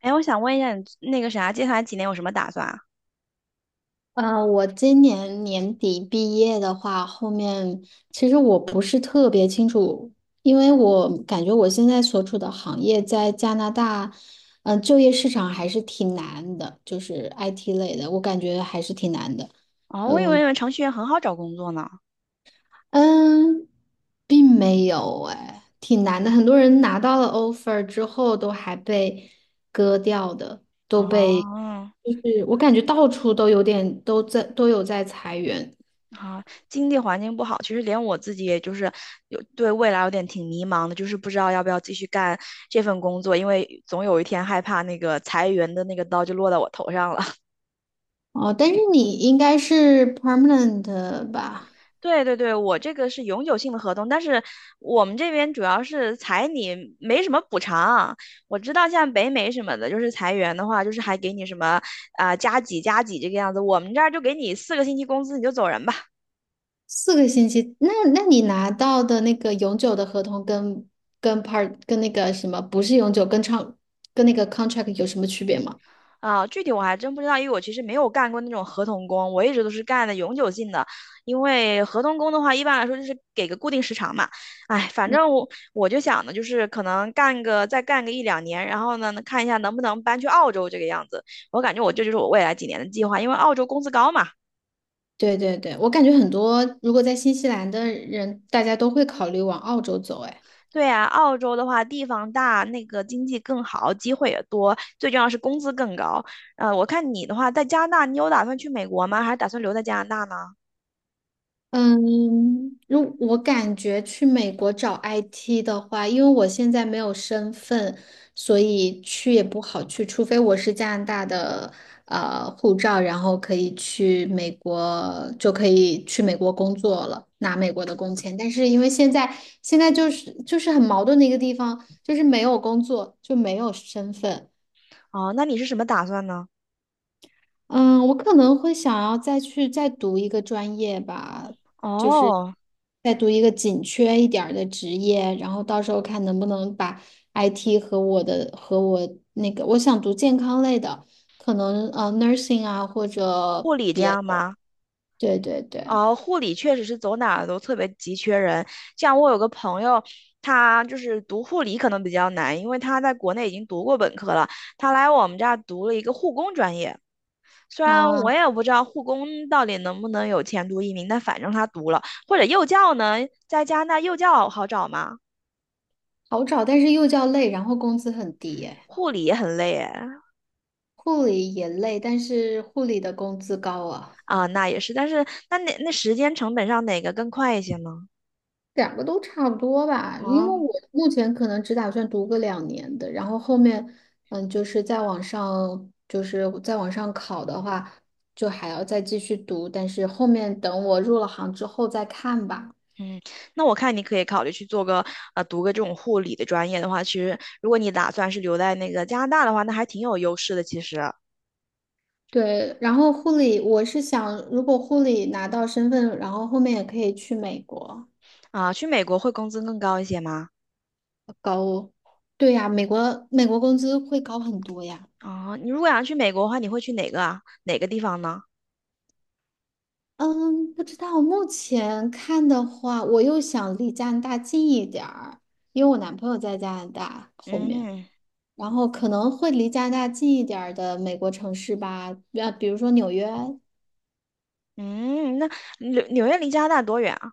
哎，我想问一下你那个啥，接下来几年有什么打算啊？我今年年底毕业的话，后面其实我不是特别清楚。因为我感觉我现在所处的行业在加拿大，就业市场还是挺难的，就是 IT 类的，我感觉还是挺难的。哦，我以嗯为程序员很好找工作呢。嗯，并没有哎，挺难的。很多人拿到了 offer 之后都还被割掉的，都被。哦，就是我感觉到处都有点都在都有在裁员。好，经济环境不好，其实连我自己也就是有对未来有点挺迷茫的，就是不知道要不要继续干这份工作，因为总有一天害怕那个裁员的那个刀就落到我头上了。哦，但是你应该是 permanent 的吧？对对对，我这个是永久性的合同，但是我们这边主要是裁你，没什么补偿。我知道像北美什么的，就是裁员的话，就是还给你什么啊、加几加几这个样子。我们这儿就给你4个星期工资，你就走人吧。4个星期，那你拿到的那个永久的合同跟 part 跟那个什么不是永久跟长跟那个 contract 有什么区别吗？啊，具体我还真不知道，因为我其实没有干过那种合同工，我一直都是干的永久性的。因为合同工的话，一般来说就是给个固定时长嘛。哎，反正我就想的就是可能干个再干个一两年，然后呢看一下能不能搬去澳洲这个样子。我感觉我这就是我未来几年的计划，因为澳洲工资高嘛。对对对，我感觉很多如果在新西兰的人，大家都会考虑往澳洲走，哎。对啊，澳洲的话地方大，那个经济更好，机会也多，最重要是工资更高。我看你的话在加拿大，你有打算去美国吗？还是打算留在加拿大呢？嗯，如我感觉去美国找 IT 的话，因为我现在没有身份，所以去也不好去，除非我是加拿大的护照，然后可以去美国，就可以去美国工作了，拿美国的工签。但是因为现在就是很矛盾的一个地方，就是没有工作就没有身份。哦，那你是什么打算呢？嗯，我可能会想要再去再读一个专业吧，就是哦，再读一个紧缺一点儿的职业，然后到时候看能不能把 IT 和我的和我那个我想读健康类的。可能nursing 啊或者。护理这样吗？对对对哦，护理确实是走哪儿都特别急缺人。像我有个朋友，他就是读护理可能比较难，因为他在国内已经读过本科了，他来我们这儿读了一个护工专业。虽然我啊。也不知道护工到底能不能有前途移民，但反正他读了。或者幼教呢，在加拿大幼教好找吗？好找，但是又叫累，然后工资很低耶。护理也很累哎。护理也累，但是护理的工资高啊。啊，那也是，但是那哪那时间成本上哪个更快一些呢？两个都差不多吧，因为哦。我目前可能只打算读个2年的，然后后面。就是再往上考的话，就还要再继续读，但是后面等我入了行之后再看吧。嗯，那我看你可以考虑去做个读个这种护理的专业的话，其实如果你打算是留在那个加拿大的话，那还挺有优势的。其实对，然后护理，我是想，如果护理拿到身份，然后后面也可以去美国。啊，去美国会工资更高一些吗？高。对呀，美国工资会高很多呀。哦，你如果想去美国的话，你会去哪个啊？哪个地方呢？嗯，不知道。目前看的话，我又想离加拿大近一点儿，因为我男朋友在加拿大后面，嗯然后可能会离加拿大近一点儿的美国城市吧，比如说纽约。嗯，那纽约离加拿大多远啊？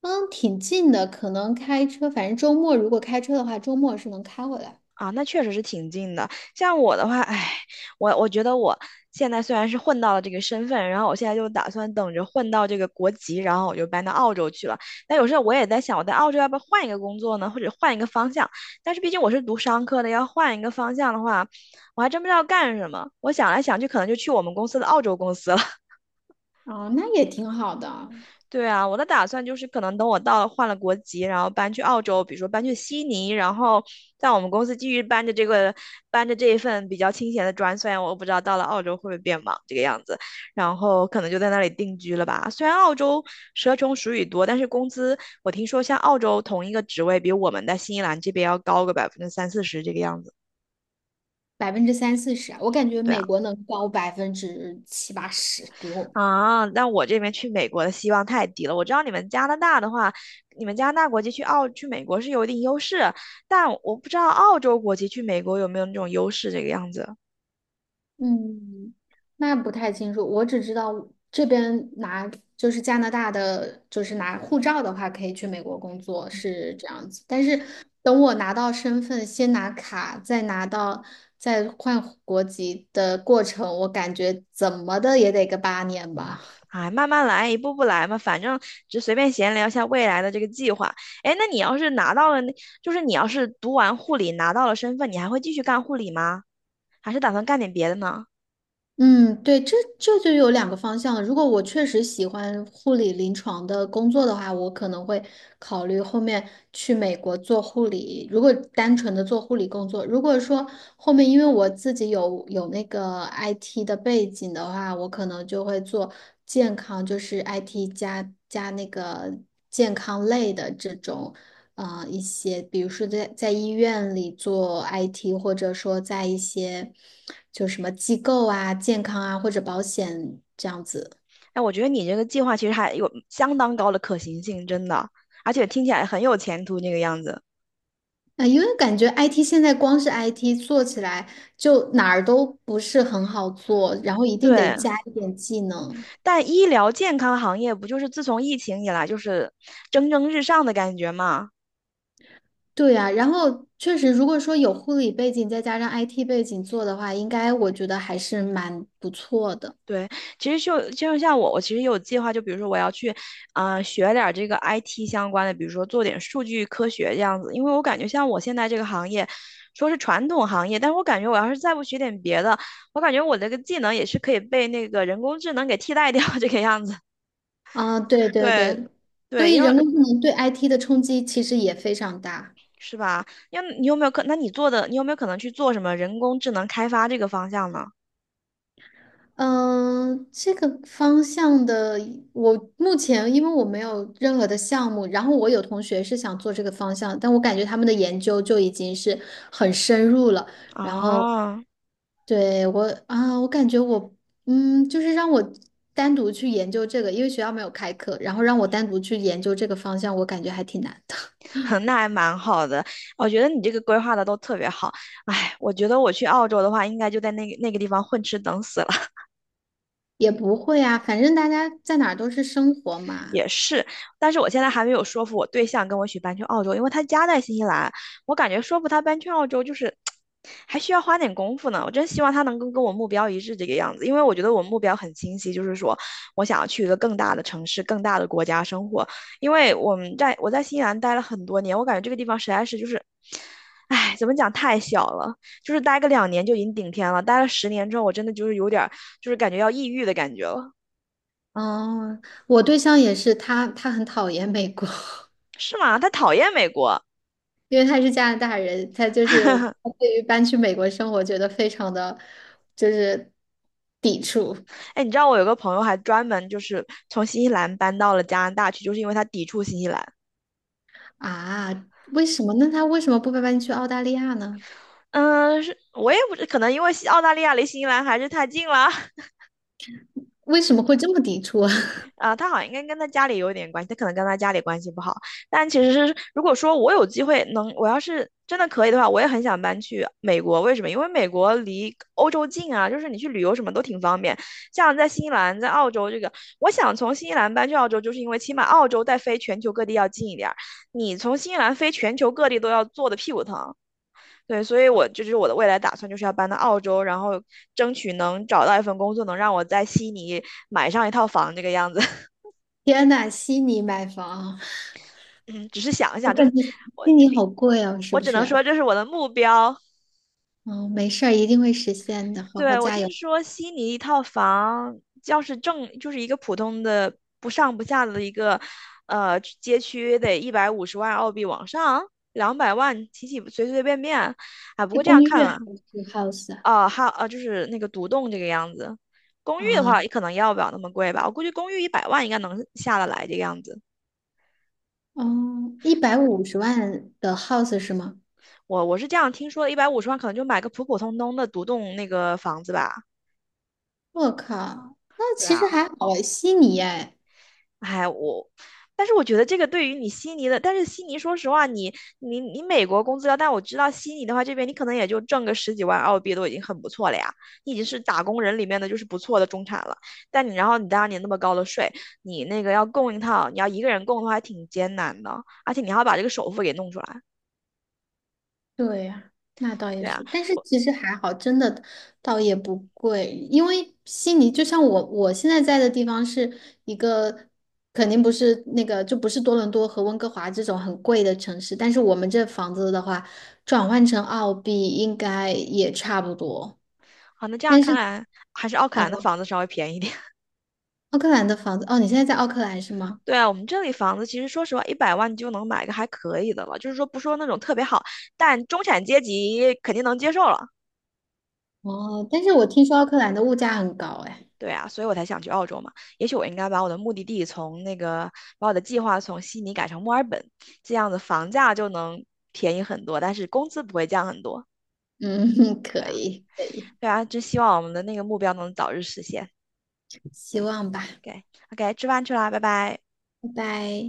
嗯，挺近的，可能开车，反正周末如果开车的话，周末是能开回来。啊，那确实是挺近的。像我的话，唉，我觉得我现在虽然是混到了这个身份，然后我现在就打算等着混到这个国籍，然后我就搬到澳洲去了。但有时候我也在想，我在澳洲要不要换一个工作呢，或者换一个方向？但是毕竟我是读商科的，要换一个方向的话，我还真不知道干什么。我想来想去，可能就去我们公司的澳洲公司了。哦，那也挺好的。对啊，我的打算就是可能等我到了换了国籍，然后搬去澳洲，比如说搬去悉尼，然后在我们公司继续搬着这一份比较清闲的砖，虽然我不知道到了澳洲会不会变忙这个样子，然后可能就在那里定居了吧。虽然澳洲蛇虫鼠蚁多，但是工资我听说像澳洲同一个职位比我们在新西兰这边要高个30%-40%这个样子。30%-40%啊，我感觉对美啊。国能高70%-80%，比我。啊，那我这边去美国的希望太低了。我知道你们加拿大的话，你们加拿大国籍去美国是有一定优势，但我不知道澳洲国籍去美国有没有那种优势这个样子。嗯，那不太清楚，我只知道这边拿就是加拿大的，就是拿护照的话，可以去美国工作是这样子。但是等我拿到身份，先拿卡，再拿到再换国籍的过程，我感觉怎么的也得个8年吧。哎，慢慢来，一步步来嘛，反正就随便闲聊一下未来的这个计划。哎，那你要是拿到了那，就是你要是读完护理拿到了身份，你还会继续干护理吗？还是打算干点别的呢？嗯，对，这就有两个方向了。如果我确实喜欢护理临床的工作的话，我可能会考虑后面去美国做护理。如果单纯的做护理工作，如果说后面因为我自己有那个 IT 的背景的话，我可能就会做健康，就是 IT 加那个健康类的这种。一些，比如说在医院里做 IT，或者说在一些就什么机构啊、健康啊或者保险这样子。哎，我觉得你这个计划其实还有相当高的可行性，真的，而且听起来很有前途那个样子。啊、因为感觉 IT 现在光是 IT 做起来就哪儿都不是很好做，然后一定得对，加一点技能。但医疗健康行业不就是自从疫情以来就是蒸蒸日上的感觉吗？对啊，然后确实，如果说有护理背景再加上 IT 背景做的话，应该我觉得还是蛮不错的。对，其实就像我，我其实有计划，就比如说我要去，啊、学点儿这个 IT 相关的，比如说做点数据科学这样子，因为我感觉像我现在这个行业，说是传统行业，但是我感觉我要是再不学点别的，我感觉我这个技能也是可以被那个人工智能给替代掉 这个样子。啊、对对对对，所对，以因为人工智能对 IT 的冲击其实也非常大。是吧？因为你有没有可？那你做的，你有没有可能去做什么人工智能开发这个方向呢？嗯，这个方向的，我目前因为我没有任何的项目，然后我有同学是想做这个方向，但我感觉他们的研究就已经是很深入了。然后哦，对我啊，我感觉我就是让我单独去研究这个，因为学校没有开课，然后让我单独去研究这个方向，我感觉还挺难的。那还蛮好的。我觉得你这个规划的都特别好。哎，我觉得我去澳洲的话，应该就在那个地方混吃等死，了。也不会啊，反正大家在哪儿都是生活嘛。也是，但是我现在还没有说服我对象跟我一起搬去澳洲，因为他家在新西兰，我感觉说服他搬去澳洲就是还需要花点功夫呢。我真希望他能够跟我目标一致这个样子，因为我觉得我目标很清晰，就是说我想要去一个更大的城市、更大的国家生活。因为我们在我在新西兰待了很多年，我感觉这个地方实在是就是，唉，怎么讲太小了，就是待个两年就已经顶天了，待了10年之后，我真的就是有点儿就是感觉要抑郁的感觉了。哦，我对象也是，他很讨厌美国。是吗？他讨厌美国。因为他是加拿大人，他就是 他对于搬去美国生活觉得非常的就是抵触哎，你知道我有个朋友还专门就是从新西兰搬到了加拿大去，就是因为他抵触新西兰。啊。为什么？那他为什么不搬去澳大利亚呢？嗯，是我也不知，可能因为西澳大利亚离新西兰还是太近了。为什么会这么抵触啊？啊，他好像应该跟他家里有点关系，他可能跟他家里关系不好。但其实是，如果说我有机会能，我要是真的可以的话，我也很想搬去美国。为什么？因为美国离欧洲近啊，就是你去旅游什么都挺方便。像在新西兰、在澳洲这个，我想从新西兰搬去澳洲，就是因为起码澳洲再飞全球各地要近一点儿，你从新西兰飞全球各地都要坐的屁股疼。对，所以我这就是我的未来打算，就是要搬到澳洲，然后争取能找到一份工作，能让我在悉尼买上一套房这个样子。天呐，悉尼买房。嗯，只是想一我想，这感是觉我悉这尼边，好贵哦，是我不只能说是？这是我的目标。嗯，没事儿，一定会实现的，好好对，我加听油。说悉尼一套房，要是正就是一个普通的不上不下的一个街区，得一百五十万澳币往上，200万起随随便便。啊，不过是这样公寓看还了，是 house 啊？啊，还有啊，就是那个独栋这个样子。公寓的啊，话，也可能要不了那么贵吧。我估计公寓一百万应该能下得来这个样子。哦，150万的 house 是吗？我是这样听说的，一百五十万可能就买个普普通通的独栋那个房子吧。我靠，那对其啊，实还好哎，悉尼哎。哎，我，但是我觉得这个对于你悉尼的，但是悉尼说实话，你美国工资高，但我知道悉尼的话，这边你可能也就挣个十几万澳币都已经很不错了呀，你已经是打工人里面的就是不错的中产了。但你然后你当年那么高的税，你那个要供一套，你要一个人供的话还挺艰难的，而且你还要把这个首付给弄出来。对呀，那倒也对啊，是，但是我其实还好，真的倒也不贵，因为悉尼就像我现在在的地方是一个，肯定不是那个就不是多伦多和温哥华这种很贵的城市，但是我们这房子的话，转换成澳币应该也差不多。好，那这样但看是，来还是奥克嗯，兰的房子稍微便宜一点。奥克兰的房子，哦，你现在在奥克兰是吗？对啊，我们这里房子其实说实话，一百万就能买个还可以的了，就是说不说那种特别好，但中产阶级肯定能接受了。哦，但是我听说奥克兰的物价很高，哎。对啊，所以我才想去澳洲嘛。也许我应该把我的目的地从那个，把我的计划从悉尼改成墨尔本，这样子房价就能便宜很多，但是工资不会降很多。嗯，对可啊，以。对啊，真希望我们的那个目标能早日实现。希望吧。OK，OK，吃饭去啦，拜拜。拜拜。